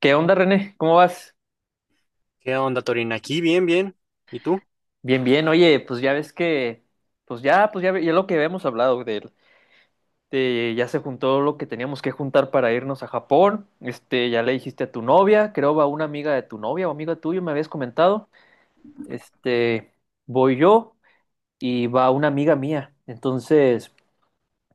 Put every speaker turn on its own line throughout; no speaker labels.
¿Qué onda, René? ¿Cómo vas?
¿Qué onda, Torín? Aquí, bien, bien. ¿Y tú?
Bien, bien. Oye, pues ya ves que, pues ya, ve- ya lo que habíamos hablado de, ya se juntó lo que teníamos que juntar para irnos a Japón. Este, ya le dijiste a tu novia, creo a una amiga de tu novia o amiga tuya, me habías comentado. Este, voy yo y va una amiga mía. Entonces,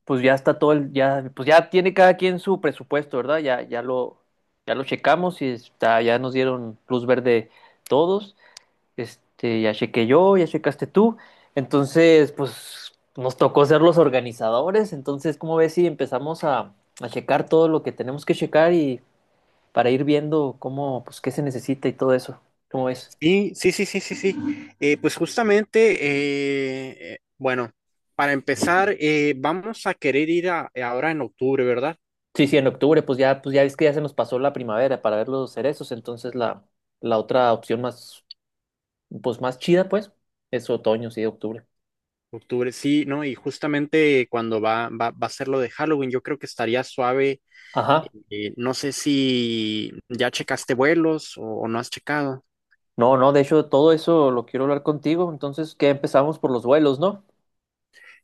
pues ya está todo el, ya, pues ya tiene cada quien su presupuesto, ¿verdad? Ya lo checamos y está, ya nos dieron luz verde todos. Este, ya chequé yo, ya checaste tú. Entonces, pues nos tocó ser los organizadores. Entonces, ¿cómo ves si a checar todo lo que tenemos que checar y para ir viendo cómo, pues qué se necesita y todo eso? ¿Cómo ves?
Sí, sí, sí, sí, sí, sí. Pues justamente, bueno, para empezar, vamos a querer ahora en octubre, ¿verdad?
Sí, sí, en octubre, pues ya ves que ya se nos pasó la primavera para ver los cerezos. Entonces, la otra opción más, pues más chida, pues, es otoño, sí, octubre.
Octubre, sí, ¿no? Y justamente cuando va a ser lo de Halloween, yo creo que estaría suave.
Ajá.
No sé si ya checaste vuelos o no has checado.
No, no, de hecho, todo eso lo quiero hablar contigo. Entonces, ¿qué empezamos por los vuelos, no?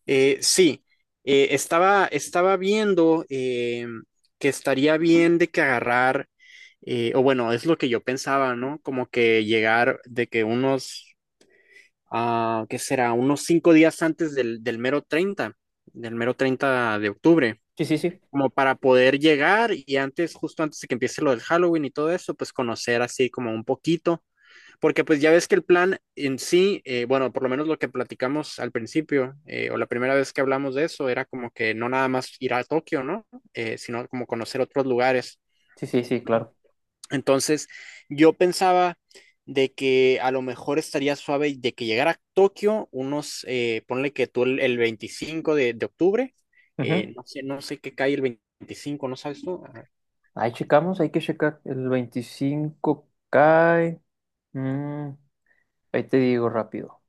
Sí, estaba viendo que estaría bien de que agarrar, o bueno, es lo que yo pensaba, ¿no? Como que llegar de que unos, ah, ¿qué será? Unos cinco días antes del mero 30 de octubre,
Sí, sí, sí.
como para poder llegar y antes, justo antes de que empiece lo del Halloween y todo eso, pues conocer así como un poquito porque pues ya ves que el plan en sí, bueno, por lo menos lo que platicamos al principio, o la primera vez que hablamos de eso, era como que no nada más ir a Tokio, ¿no? Sino como conocer otros lugares.
Sí, sí, sí, claro.
Entonces, yo pensaba de que a lo mejor estaría suave de que llegara a Tokio unos, ponle que tú el 25 de octubre,
Ujú.
no sé, no sé qué cae el veinticinco, ¿no sabes tú? A ver,
Ahí checamos, hay que checar. El 25 cae. mm, Ahí te digo rápido.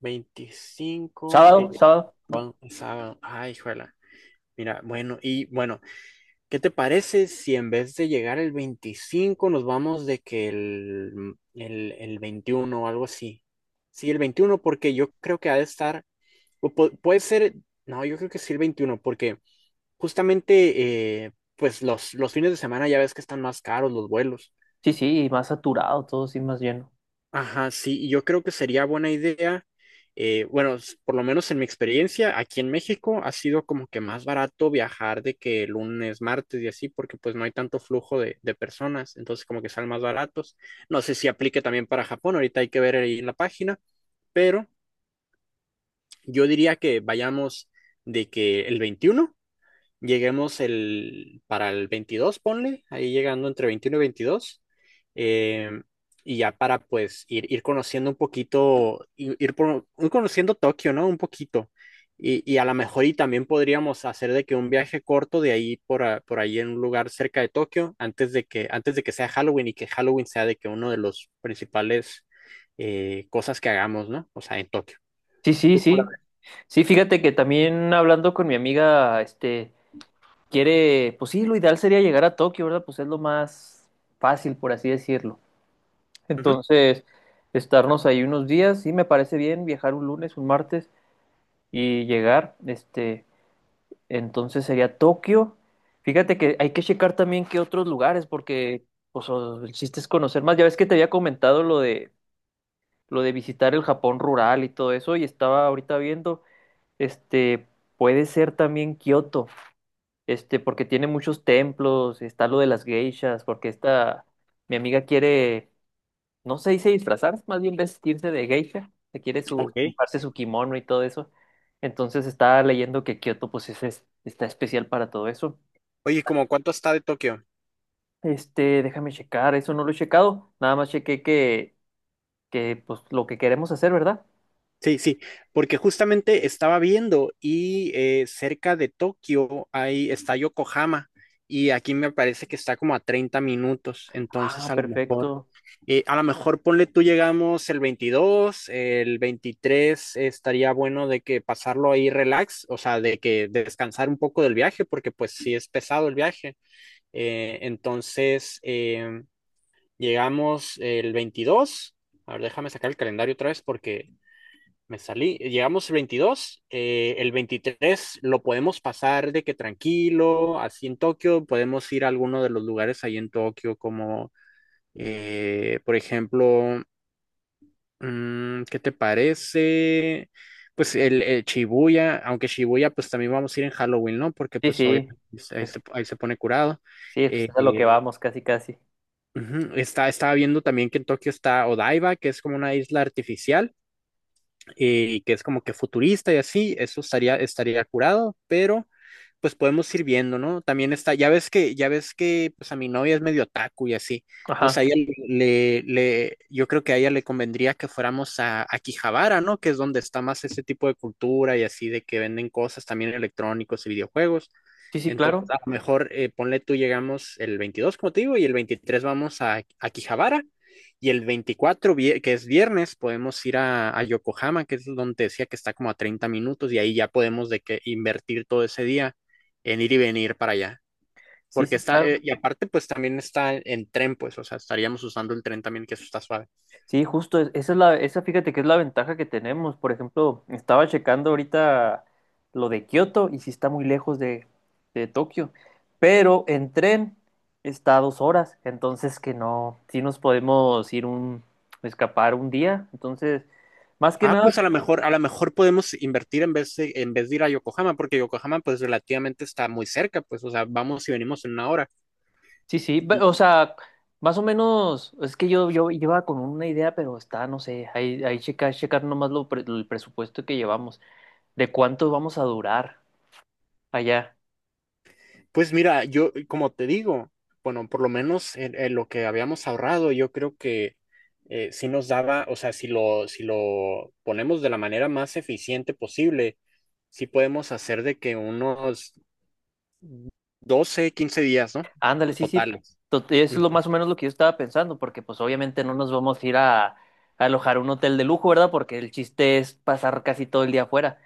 25,
Sábado,
el,
sábado.
sábado, ay, juela. Mira, bueno, y bueno, ¿qué te parece si en vez de llegar el 25 nos vamos de que el 21 o algo así? Sí, el 21 porque yo creo que ha de estar, o puede ser, no, yo creo que sí el 21 porque justamente pues los fines de semana ya ves que están más caros los vuelos.
Sí, sí, y más saturado, todo sí, más lleno.
Ajá, sí, y yo creo que sería buena idea, bueno, por lo menos en mi experiencia, aquí en México ha sido como que más barato viajar de que lunes, martes y así, porque pues no hay tanto flujo de personas, entonces como que salen más baratos. No sé si aplique también para Japón, ahorita hay que ver ahí en la página, pero yo diría que vayamos de que el veintiuno. Lleguemos el, para el 22 ponle, ahí llegando entre 21 y 22. em, y ya para pues ir conociendo un poquito, ir conociendo Tokio, ¿no? Un poquito. Y a lo mejor y también podríamos hacer de que un viaje corto de ahí por ahí en un lugar cerca de Tokio antes de que sea Halloween y que Halloween sea de que uno de los principales cosas que hagamos, ¿no? O sea, en Tokio.
Sí, sí,
¿Tú cómo
sí.
la
Sí, fíjate que también hablando con mi amiga, este, quiere, pues sí, lo ideal sería llegar a Tokio, ¿verdad? Pues es lo más fácil, por así decirlo.
ves? Ujú.
Entonces, estarnos ahí unos días, sí, me parece bien viajar un lunes, un martes y llegar, este. Entonces sería Tokio. Fíjate que hay que checar también qué otros lugares, porque pues, o- el chiste es conocer más. Ya ves que te había comentado lo de visitar el Japón rural y todo eso, y estaba ahorita viendo, este, puede ser también Kioto, este, porque tiene muchos templos, está lo de las geishas, porque esta, mi amiga quiere, no se dice disfrazar, más bien vestirse de geisha, se quiere su,
Ok.
comprarse su kimono y todo eso. Entonces estaba leyendo que Kioto, pues, es- está especial para todo eso.
Oye, cómo cuánto está de Tokio?
Este, déjame checar, eso no lo he checado. Nada más chequé que pues lo que queremos hacer, ¿verdad?
Sí, sí, porque justamente estaba viendo y cerca de Tokio ahí está Yokohama y aquí me parece que está como a 30 minutos, entonces
Ah, perfecto.
a lo mejor ponle tú llegamos el 22, el 23 estaría bueno de que pasarlo ahí relax, o sea, de que descansar un poco del viaje, porque pues sí es pesado el viaje. Entonces llegamos el 22, a ver, déjame sacar el calendario otra vez porque me salí, llegamos el veintidós, el 23 lo podemos pasar de que tranquilo, así en Tokio, podemos ir a alguno de los lugares ahí en Tokio, como por ejemplo, mm, ¿qué te parece? Pues el Shibuya, aunque Shibuya pues también vamos a ir en Halloween, ¿no? Porque
Sí,
pues
sí.
obviamente
Es-
ahí se pone curado.
sí, pues,
Eh,
es a lo que
eh,
vamos, casi, casi.
Está, estaba viendo también que en Tokio está Odaiba, que es como una isla artificial y que es como que futurista y así, eso estaría, estaría curado, pero pues podemos ir viendo, ¿no? También está, ya ves que, pues a mi novia es medio otaku y así, entonces a
Ajá.
ella yo creo que a ella le convendría que fuéramos a Akihabara, ¿no? Que es donde está más ese tipo de cultura y así de que venden cosas también electrónicos y videojuegos.
Sí, sí,
Entonces,
claro.
a lo mejor, ponle tú, llegamos el 22 como te digo, y el 23 vamos a Akihabara, y el 24 que es viernes, podemos ir a Yokohama, que es donde te decía que está como a 30 minutos, y ahí ya podemos de que invertir todo ese día en ir y venir para allá.
Sí,
Porque
sí,
está,
claro.
y aparte, pues también está en tren, pues, o sea, estaríamos usando el tren también, que eso está suave.
Sí, justo, es- esa es la, esa fíjate que es la ventaja que tenemos. Por ejemplo, estaba checando ahorita lo de Kioto y sí está muy lejos de Tokio, pero en tren está a dos horas, entonces que no, sí nos podemos ir un, escapar un día. Entonces, más que
Ah,
nada,
pues a lo mejor podemos invertir en vez de ir a Yokohama, porque Yokohama, pues, relativamente está muy cerca, pues, o sea, vamos y venimos en una hora.
sí, sí, ve- o sea, más o menos, es que yo iba con una idea, pero está, no sé, ahí, ahí checar, checar nomás lo, pre- el presupuesto que llevamos, de cuánto vamos a durar allá.
Pues mira, yo, como te digo, bueno, por lo menos en lo que habíamos ahorrado, yo creo que sí nos daba, o sea, si lo, si lo ponemos de la manera más eficiente posible, sí podemos hacer de que unos 12 15 días, ¿no?
Ándale, sí, sí,
Totales.
to- eso es
Mm.
lo más o menos lo que yo estaba pensando, porque pues obviamente no nos vamos a ir a alojar un hotel de lujo, ¿verdad? Porque el chiste es pasar casi todo el día afuera.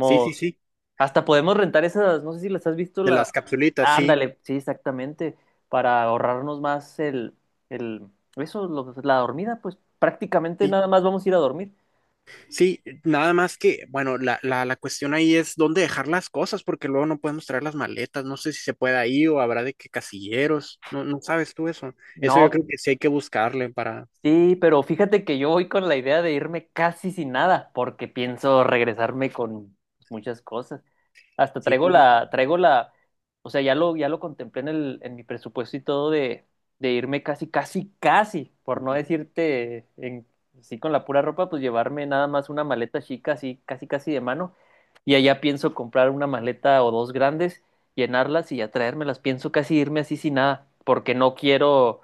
Sí, sí, sí.
hasta podemos rentar esas, no sé si las has visto
De
la...
las capsulitas, sí,
Ándale, sí, exactamente, para ahorrarnos más el, eso, lo- la dormida, pues prácticamente
sí.
nada más vamos a ir a dormir.
Sí, nada más que, bueno, la cuestión ahí es dónde dejar las cosas, porque luego no podemos traer las maletas. No sé si se puede ahí o habrá de qué casilleros. No, no sabes tú eso. Eso
No,
yo creo que sí hay que buscarle para,
sí, pero fíjate que yo voy con la idea de irme casi sin nada, porque pienso regresarme con muchas cosas. Hasta
sí,
traigo la, o sea, ya lo contemplé en el, en mi presupuesto y todo de irme casi, casi, casi, por no decirte en, sí con la pura ropa, pues llevarme nada más una maleta chica, así, casi, casi de mano. Y allá pienso comprar una maleta o dos grandes, llenarlas y ya traérmelas. Pienso casi irme así sin nada, porque no quiero,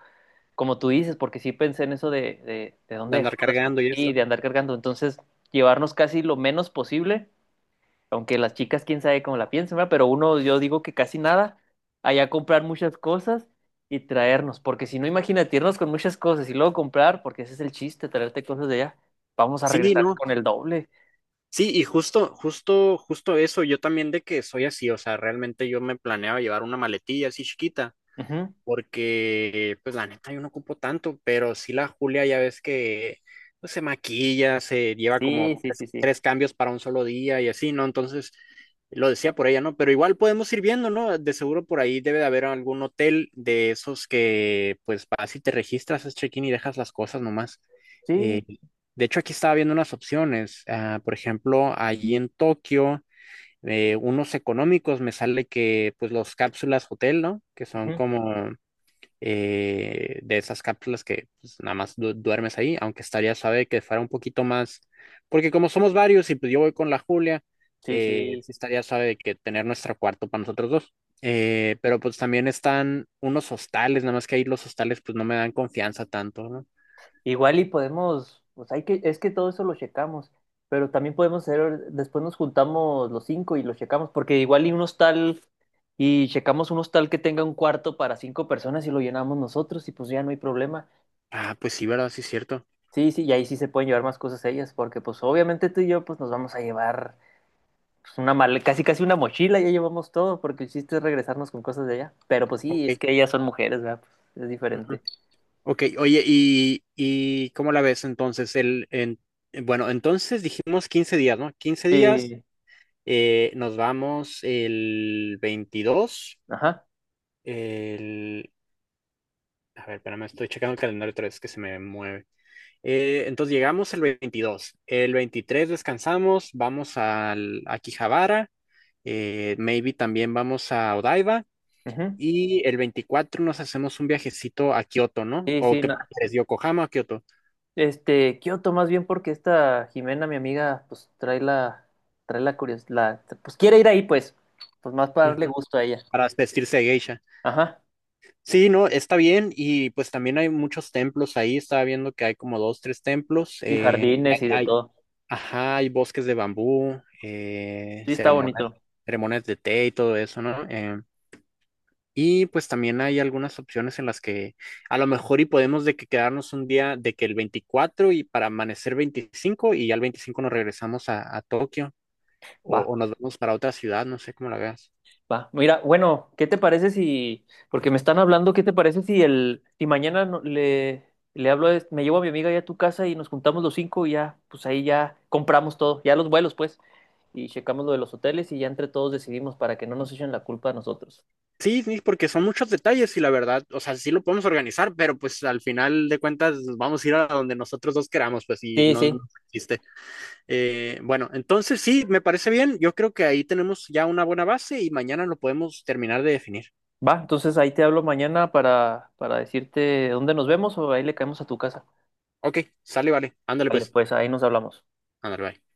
como tú dices, porque sí pensé en eso de
de
dónde
andar
dejamos las cosas
cargando y
y
esto.
de andar cargando. Entonces, llevarnos casi lo menos posible, aunque las chicas, quién sabe cómo la piensan, ¿verdad? Pero uno, yo digo que casi nada, allá comprar muchas cosas y traernos, porque si no, imagínate irnos con muchas cosas y luego comprar, porque ese es el chiste, traerte cosas de allá. Vamos a
Sí,
regresar
no.
con el doble.
Sí, y justo, justo, justo eso, yo también de que soy así, o sea, realmente yo me planeaba llevar una maletilla así chiquita
Ujú.
porque pues la neta yo no ocupo tanto, pero sí la Julia ya ves que pues, se maquilla, se lleva como
Sí, sí,
tres,
sí, sí.
tres cambios para un solo día y así, ¿no? Entonces lo decía por ella, ¿no? Pero igual podemos ir viendo, ¿no? De seguro por ahí debe de haber algún hotel de esos que pues vas y te registras, es check-in y dejas las cosas nomás.
Sí,
Eh, de hecho, aquí estaba viendo unas opciones. Ah, por ejemplo, allí en Tokio, unos económicos me sale que, pues, los cápsulas hotel, ¿no? Que son
ujú.
como de esas cápsulas que pues, nada más duermes ahí, aunque estaría suave que fuera un poquito más, porque como somos varios y pues yo voy con la Julia,
Sí, sí.
sí estaría suave que tener nuestro cuarto para nosotros dos. Pero pues también están unos hostales, nada más que ahí los hostales pues no me dan confianza tanto, ¿no?
Igual y podemos, pues hay que, es que todo eso lo checamos, pero también podemos hacer, después nos juntamos los cinco y lo checamos, porque igual y un hostal, y checamos un hostal que tenga un cuarto para cinco personas y lo llenamos nosotros, y pues ya no hay problema.
Ah, pues sí, ¿verdad? Sí, es cierto.
Sí, sí, y ahí sí se pueden llevar más cosas ellas, porque pues obviamente tú y yo pues nos vamos a llevar pues, una mal, casi casi una mochila, ya llevamos todo, porque el chiste es regresarnos con cosas de allá. Pero pues sí, es
Ok.
que ellas son mujeres, ¿verdad? Pues, es
Ujú.
diferente.
Ok, oye, y cómo la ves entonces? Bueno, entonces dijimos 15 días, ¿no? 15 días,
Sí,
nos vamos el 22
ajá.
el... A ver, espérame, estoy checando el calendario otra vez que se me mueve. Entonces llegamos el veintidós, el 23 descansamos, vamos al, a Akihabara, maybe también vamos a Odaiba
Ujú.
y el 24 nos hacemos un viajecito a Kioto, ¿no?
Sí,
¿O
sí,
qué
no.
prefieres, Yokohama o Kioto?
Este, Kioto, más bien porque esta Jimena, mi amiga, pues trae la curiosidad, pues quiere ir ahí, pues, pues más para darle gusto a ella.
Para vestirse de geisha.
Ajá,
Sí, no, está bien y pues también hay muchos templos ahí, estaba viendo que hay como dos, tres templos,
y jardines y de todo.
ajá, hay bosques de bambú,
Sí, está
ceremonias,
bonito.
ceremonias de té y todo eso, ¿no? Y pues también hay algunas opciones en las que a lo mejor y podemos de que quedarnos un día de que el 24 y para amanecer 25 y ya el 25 nos regresamos a Tokio
Va,
o nos vamos para otra ciudad, no sé cómo la veas.
va. Mira, bueno, ¿qué te parece si, porque me están hablando, ¿qué te parece si el, si mañana no- le hablo, a- este, me llevo a mi amiga ya a tu casa y nos juntamos los cinco y ya, pues ahí ya compramos todo, ya los vuelos, pues, y checamos lo de los hoteles y ya entre todos decidimos para que no nos echen la culpa a nosotros.
Sí, sí, porque son muchos detalles y la verdad, o sea, sí lo podemos organizar, pero pues al final de cuentas vamos a ir a donde nosotros dos queramos, pues y
Sí,
no
sí.
existe. Bueno, entonces sí, me parece bien. Yo creo que ahí tenemos ya una buena base y mañana lo podemos terminar de definir.
Va, entonces ahí te hablo mañana para decirte dónde nos vemos o ahí le caemos a tu casa.
Ok, sale, vale. Ándale
Vale,
pues.
pues ahí nos hablamos.
Ándale, bye.